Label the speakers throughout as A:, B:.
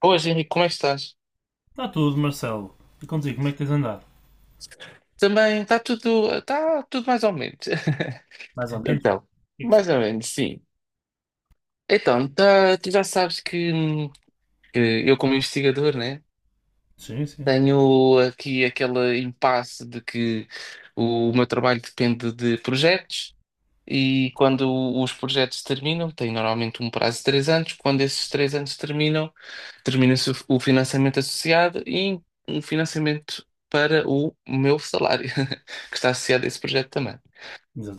A: Boas, Henrique, como é que estás?
B: Está tudo, Marcelo. E contigo, como é que tens andado?
A: Também está tudo mais ou menos.
B: Mais ou menos? O
A: Então,
B: que é que se-
A: mais ou menos, sim. Então, tu já sabes que eu, como investigador, né,
B: Sim, sim.
A: tenho aqui aquele impasse de que meu trabalho depende de projetos e quando os projetos terminam, tem normalmente um prazo de 3 anos, quando esses 3 anos terminam, termina-se o financiamento associado e um financiamento para o meu salário, que está associado a esse projeto também.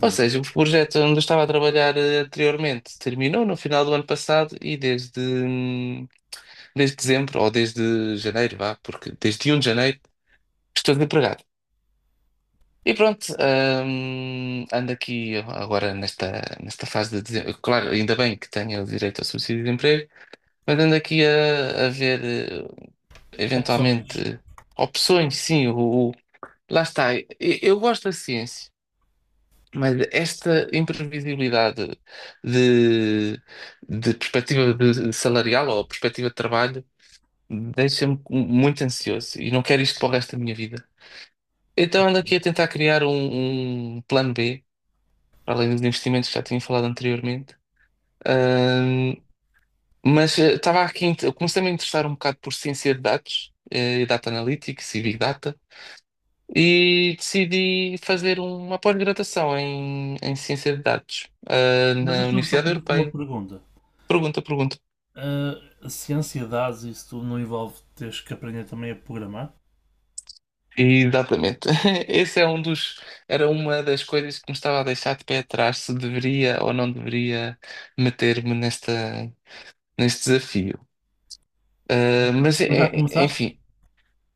A: Ou seja, o projeto onde eu estava a trabalhar anteriormente terminou no final do ano passado e desde dezembro, ou desde janeiro, vá, porque desde um de janeiro estou desempregado. E pronto, ando aqui agora nesta fase de dezembro. Claro, ainda bem que tenho o direito ao subsídio de emprego, mas ando aqui a ver eh,
B: Opções.
A: eventualmente opções, sim, lá está. Eu gosto da ciência. Mas esta imprevisibilidade de, de perspectiva de salarial ou perspectiva de trabalho deixa-me muito ansioso e não quero isto para o resto da minha vida. Então ando aqui a tentar criar um plano B, para além dos investimentos que já tinha falado anteriormente. Ahm, mas estava aqui, eu comecei-me a interessar um bocado por ciência de dados, e data analytics e big data. E decidi fazer uma pós-graduação em ciência de dados,
B: Mas
A: na
B: deixa-me só
A: Universidade
B: fazer-te uma
A: Europeia.
B: pergunta.
A: Pergunta, pergunta.
B: Ah, se ansiedades, isso tudo não envolve teres que aprender também a programar?
A: Exatamente. Esse é um dos, era uma das coisas que me estava a deixar de pé atrás, se deveria ou não deveria meter-me neste desafio. Uh,
B: Não.
A: mas,
B: Mas já começaste?
A: enfim,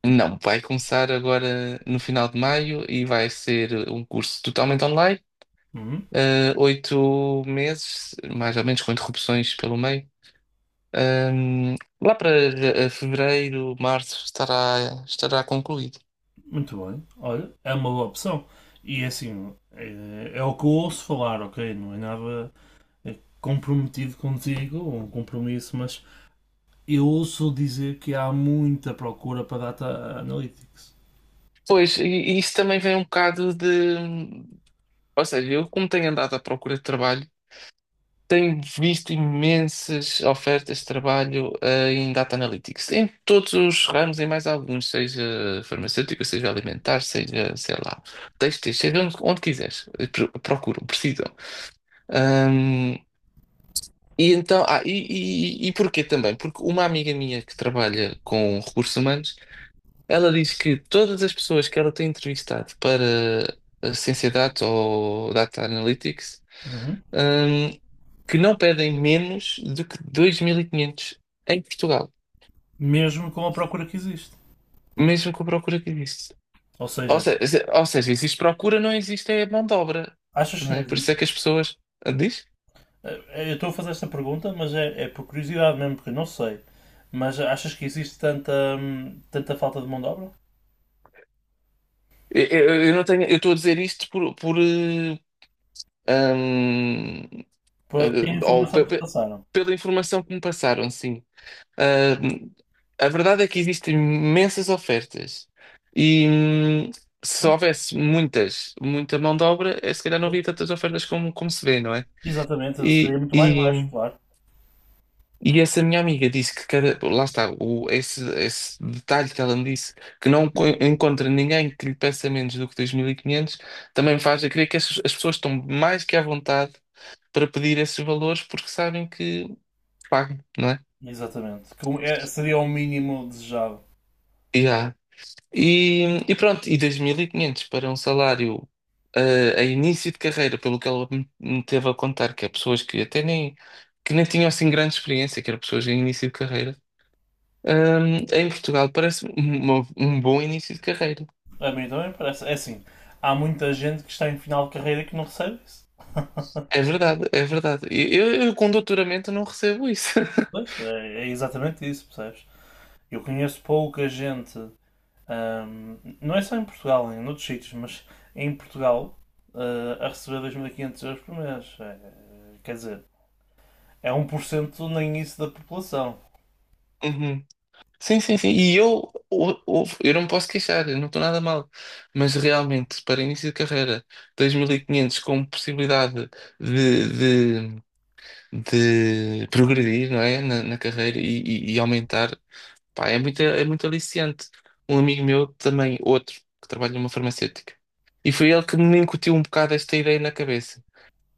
A: não, vai começar agora no final de maio e vai ser um curso totalmente online,
B: Uhum.
A: 8 meses, mais ou menos, com interrupções pelo meio. Ahm, lá para fevereiro, março, estará concluído.
B: Muito bem. Olha, é uma boa opção. E é assim, é o que eu ouço falar, ok? Não é nada é, comprometido contigo, ou um compromisso, mas eu ouço dizer que há muita procura para data analytics.
A: Pois, e isso também vem um bocado de. Ou seja, eu, como tenho andado à procura de trabalho, tenho visto imensas ofertas de trabalho em Data Analytics, em todos os ramos, em mais alguns, seja farmacêutico, seja alimentar, seja, sei lá, têxteis, seja onde quiseres, procuram, precisam. E então, e porquê também? Porque uma amiga minha que trabalha com recursos humanos, ela diz que todas as pessoas que ela tem entrevistado para a Ciência Data ou Data Analytics,
B: Uhum.
A: hum, que não pedem menos do que 2.500 em Portugal,
B: Mesmo com a procura que existe.
A: mesmo com a procura que existe.
B: Ou
A: Ou
B: seja,
A: seja, ou seja, existe procura, não existe é mão de obra,
B: achas
A: não
B: que não
A: é? Por isso é
B: existe?
A: que as pessoas... Ah, diz?
B: Eu estou a fazer esta pergunta, mas é por curiosidade mesmo, porque eu não sei. Mas achas que existe tanta falta de mão de obra?
A: Eu não tenho, eu estou a dizer isto eh, hum, Eh,
B: E a
A: ou
B: informação
A: pe-
B: que
A: pe-
B: passaram?
A: pela informação que me passaram, sim. Ah, a verdade é que existem imensas ofertas e se
B: Pois,
A: houvesse muita mão de obra, se calhar não
B: pois.
A: havia tantas ofertas como se vê, não é?
B: Exatamente, seria
A: E,
B: muito mais
A: e,
B: baixo, claro.
A: e essa minha amiga disse que lá está, esse detalhe que ela me disse, que não co- encontra ninguém que lhe peça menos do que 2500. Também me faz a crer que as pessoas estão mais que à vontade para pedir esses valores porque sabem que pago, não é?
B: Exatamente. Seria o mínimo desejado.
A: Yeah. E pronto, e 2.500 para um salário a início de carreira, pelo que ela me teve a contar, que é pessoas que até nem, que nem tinham assim grande experiência, que eram pessoas em início de carreira, em Portugal parece um bom início de carreira.
B: A mim também parece. É assim, há muita gente que está em final de carreira que não recebe isso.
A: É verdade, é verdade. Eu com doutoramento não recebo isso.
B: Pois, é exatamente isso, percebes? Eu conheço pouca gente não é só em Portugal, em outros sítios, mas em Portugal, a receber 2.500 euros por mês. É, quer dizer, é 1% nem isso da população.
A: Sim, sim, sim. E eu não me posso queixar, eu não estou nada mal. Mas realmente, para início de carreira, 2.500 com possibilidade de, de, de progredir, não é? Na carreira e aumentar, pá, é muito aliciante. Um amigo meu também, outro, que trabalha numa farmacêutica. E foi ele que me incutiu um bocado esta ideia na cabeça.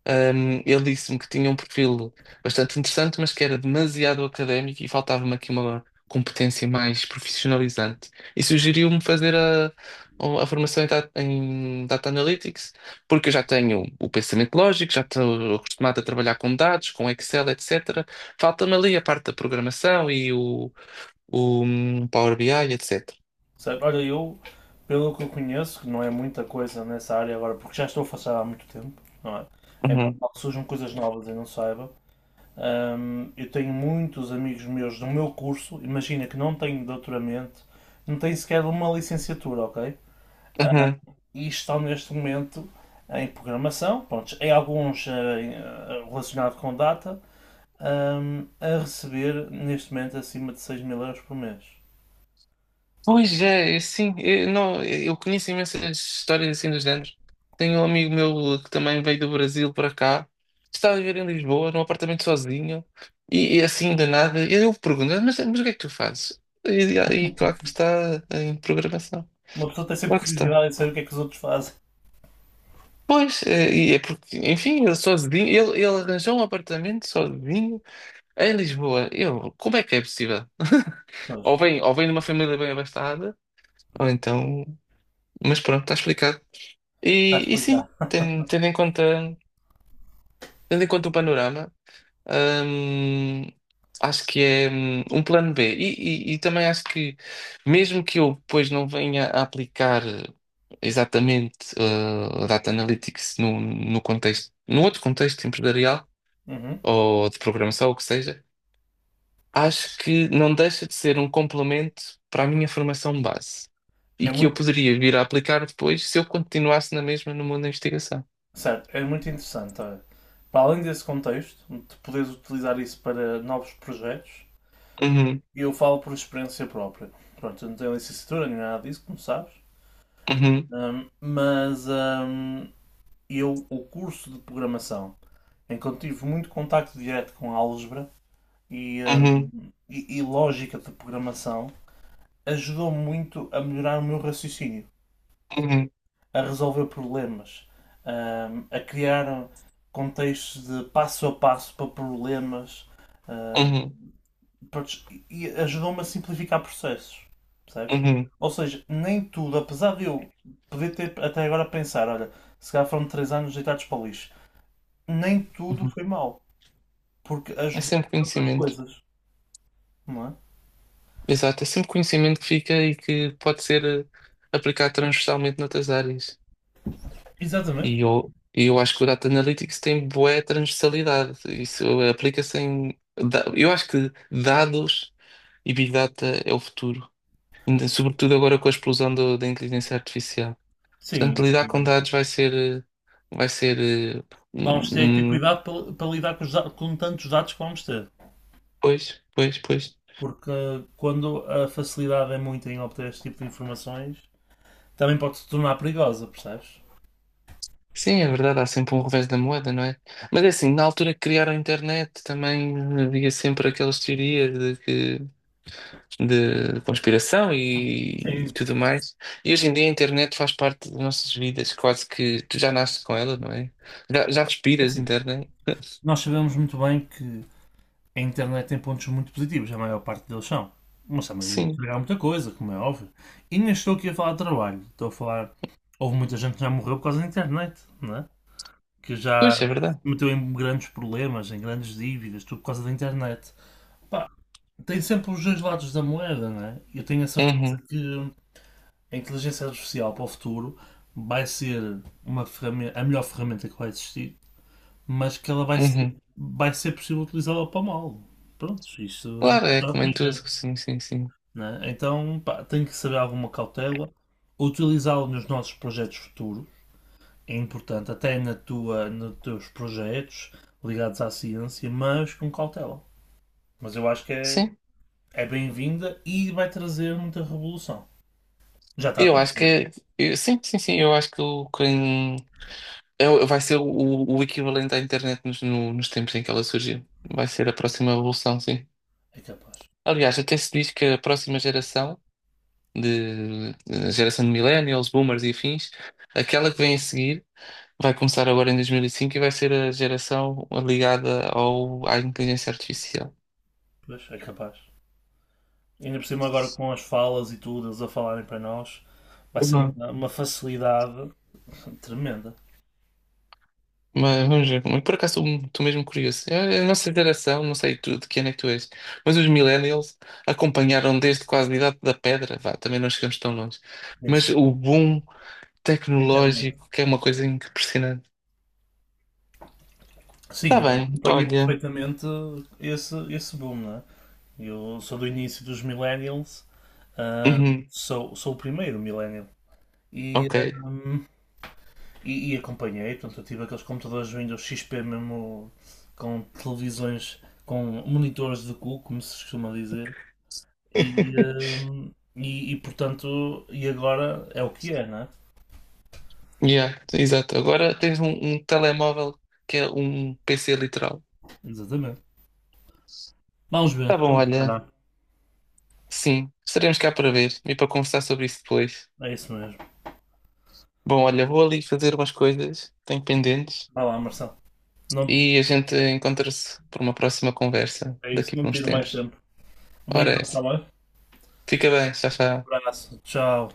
A: Ele disse-me que tinha um perfil bastante interessante, mas que era demasiado académico e faltava-me aqui uma competência mais profissionalizante. E sugeriu-me fazer a formação em data Analytics, porque eu já tenho o pensamento lógico, já estou acostumado a trabalhar com dados, com Excel, etc. Falta-me ali a parte da programação e o Power BI, etc.
B: Certo? Olha, eu, pelo que eu conheço, que não é muita coisa nessa área agora, porque já estou afastado há muito tempo, não é? É
A: Uhum.
B: normal que surjam coisas novas e não saiba. Eu tenho muitos amigos meus do meu curso, imagina que não têm doutoramento, não têm sequer uma licenciatura, ok? E estão neste momento em programação, pronto, em alguns relacionados com data, a receber neste momento acima de 6.000 euros por mês.
A: Pois é, é sim, eu, não, eu conheço imensas histórias assim do género. Tenho um amigo meu que também veio do Brasil para cá, está a viver em Lisboa, num apartamento sozinho, e assim de nada. E eu pergunto, mas o que é que tu fazes? E claro que está em programação.
B: Uma pessoa tem sempre
A: Claro que está.
B: curiosidade em saber o que é que os outros fazem.
A: Pois, é, e é porque, enfim, ele sozinho, ele arranjou um apartamento sozinho em Lisboa. Eu, como é que é possível?
B: Pois,
A: Ou vem de uma família bem abastada, ou então. Mas pronto, está explicado.
B: está a
A: E sim,
B: explicar.
A: ten- tendo, em conta, tendo em conta o panorama, hum, acho que é um plano B. E também acho que, mesmo que eu depois não venha a aplicar exatamente Data Analytics no contexto, num outro contexto empresarial
B: Uhum.
A: ou de programação, ou o que seja, acho que não deixa de ser um complemento para a minha formação base e
B: É
A: que eu
B: muito,
A: poderia vir a aplicar depois se eu continuasse na mesma no mundo da investigação.
B: certo, é muito interessante. Olha. Para além desse contexto, de poderes utilizar isso para novos projetos,
A: Uhum,
B: eu falo por experiência própria. Pronto, eu não tenho licenciatura nem nada disso, como sabes.
A: uhum.
B: Mas eu, o curso de programação, em que eu tive muito contacto direto com álgebra e, uh,
A: Uhum,
B: e lógica de programação, ajudou muito a melhorar o meu raciocínio,
A: uhum,
B: a resolver problemas, a criar contextos de passo a passo para problemas uh,
A: uhum,
B: para, e ajudou-me a simplificar processos, percebes?
A: uhum,
B: Ou seja, nem tudo, apesar de eu poder ter até agora a pensar, olha, se calhar foram 3 anos deitados para o lixo, nem tudo
A: uhum.
B: foi mal porque
A: É
B: ajudou
A: sempre
B: em outras
A: conhecimento.
B: coisas, não é?
A: Exato, é sempre conhecimento que fica e que pode ser aplicado transversalmente noutras áreas.
B: Exatamente.
A: E eu acho que o Data Analytics tem boa transversalidade. Isso aplica-se em. Eu acho que dados e Big Data é o futuro. Sobretudo agora com a da inteligência artificial. Portanto,
B: Sim,
A: lidar com
B: sim.
A: dados vai ser. Vai ser. eh,
B: Vamos ter que ter
A: Um, um-
B: cuidado para lidar com tantos dados que vamos ter.
A: Pois, pois, pois.
B: Porque quando a facilidade é muito em obter este tipo de informações, também pode se tornar perigosa, percebes?
A: Sim, é verdade, há sempre um revés da moeda, não é? Mas é assim, na altura que criaram a internet também havia sempre aquelas teorias de conspiração
B: Sim,
A: tudo mais. E hoje em dia a internet faz parte das nossas vidas, quase que tu já nasces com ela, não é? Já, já respiras
B: assim.
A: internet.
B: Nós sabemos muito bem que a internet tem pontos muito positivos, a maior parte deles são. Mas a maioria
A: Sim,
B: estragaram muita coisa, como é óbvio. E nem estou aqui a falar de trabalho, estou a falar. Houve muita gente que já morreu por causa da internet, não é? Que já
A: pois é
B: se
A: verdade.
B: meteu em grandes problemas, em grandes dívidas, tudo por causa da internet. Pá, tem sempre os dois lados da moeda, né? Eu tenho a certeza
A: Uhum,
B: que a inteligência artificial para o futuro vai ser uma ferramenta, a melhor ferramenta que vai existir, mas que ela vai ser,
A: uhum.
B: vai ser possível utilizá-la para o mal. Pronto, isto já
A: Claro, é
B: sabe
A: como em
B: como é que
A: tudo,
B: é.
A: sim, sim, sim.
B: Né? Então, pá, tem que ser alguma cautela, utilizá-la nos nossos projetos futuros é importante, até na tua, nos teus projetos ligados à ciência, mas com cautela. Mas eu acho que é,
A: Sim,
B: é bem-vinda e vai trazer muita revolução. Já está a
A: eu acho que
B: trazer.
A: é. Sim, sim, sim, eu acho que o quem. Vai ser o equivalente à internet nos, no- nos tempos em que ela surgiu. Vai ser a próxima evolução, sim.
B: É capaz.
A: Aliás, até se diz que a próxima geração, a geração de millennials, boomers e afins, aquela que vem a seguir, vai começar agora em 2005 e cinco e vai ser a geração ligada à inteligência artificial.
B: Pois, é capaz. Ainda por cima agora com as falas e tudo, eles a falarem para nós, vai ser uma, facilidade tremenda.
A: Mas vamos ver. Mas por acaso estou mesmo curioso. É a nossa geração, não sei tu, de que ano é que tu és, mas os millennials acompanharam desde quase a idade da pedra. Vá, também não chegamos tão longe.
B: Bem,
A: Mas
B: sim,
A: o boom
B: na internet.
A: tecnológico, que é uma coisa impressionante. Está
B: Sim,
A: bem,
B: acompanha
A: olha.
B: perfeitamente esse boom, né? Eu sou do início dos millennials, ah,
A: Uhum,
B: sou o primeiro millennial. E,
A: ok.
B: ahm, e acompanhei, portanto, eu tive aqueles computadores Windows XP mesmo com televisões, com monitores de cu, como se costuma dizer. E, portanto, e agora é o que é, né?
A: Yeah, exato. Agora tens um telemóvel que é um PC literal.
B: Exatamente. Vamos
A: Tá
B: ver.
A: bom,
B: Vamos
A: olha.
B: ver.
A: Sim, estaremos cá para ver e para conversar sobre isso depois.
B: É isso mesmo.
A: Bom, olha, vou ali fazer umas coisas, tenho pendentes.
B: Vá lá, Marcelo. Não,
A: E a gente encontra-se por uma próxima conversa
B: é isso,
A: daqui por
B: não
A: uns
B: tiro mais
A: tempos.
B: tempo.
A: Ora, é
B: Obrigado, tá
A: essa.
B: bem?
A: Fica bem, tchau, tchau.
B: Um abraço. Tchau.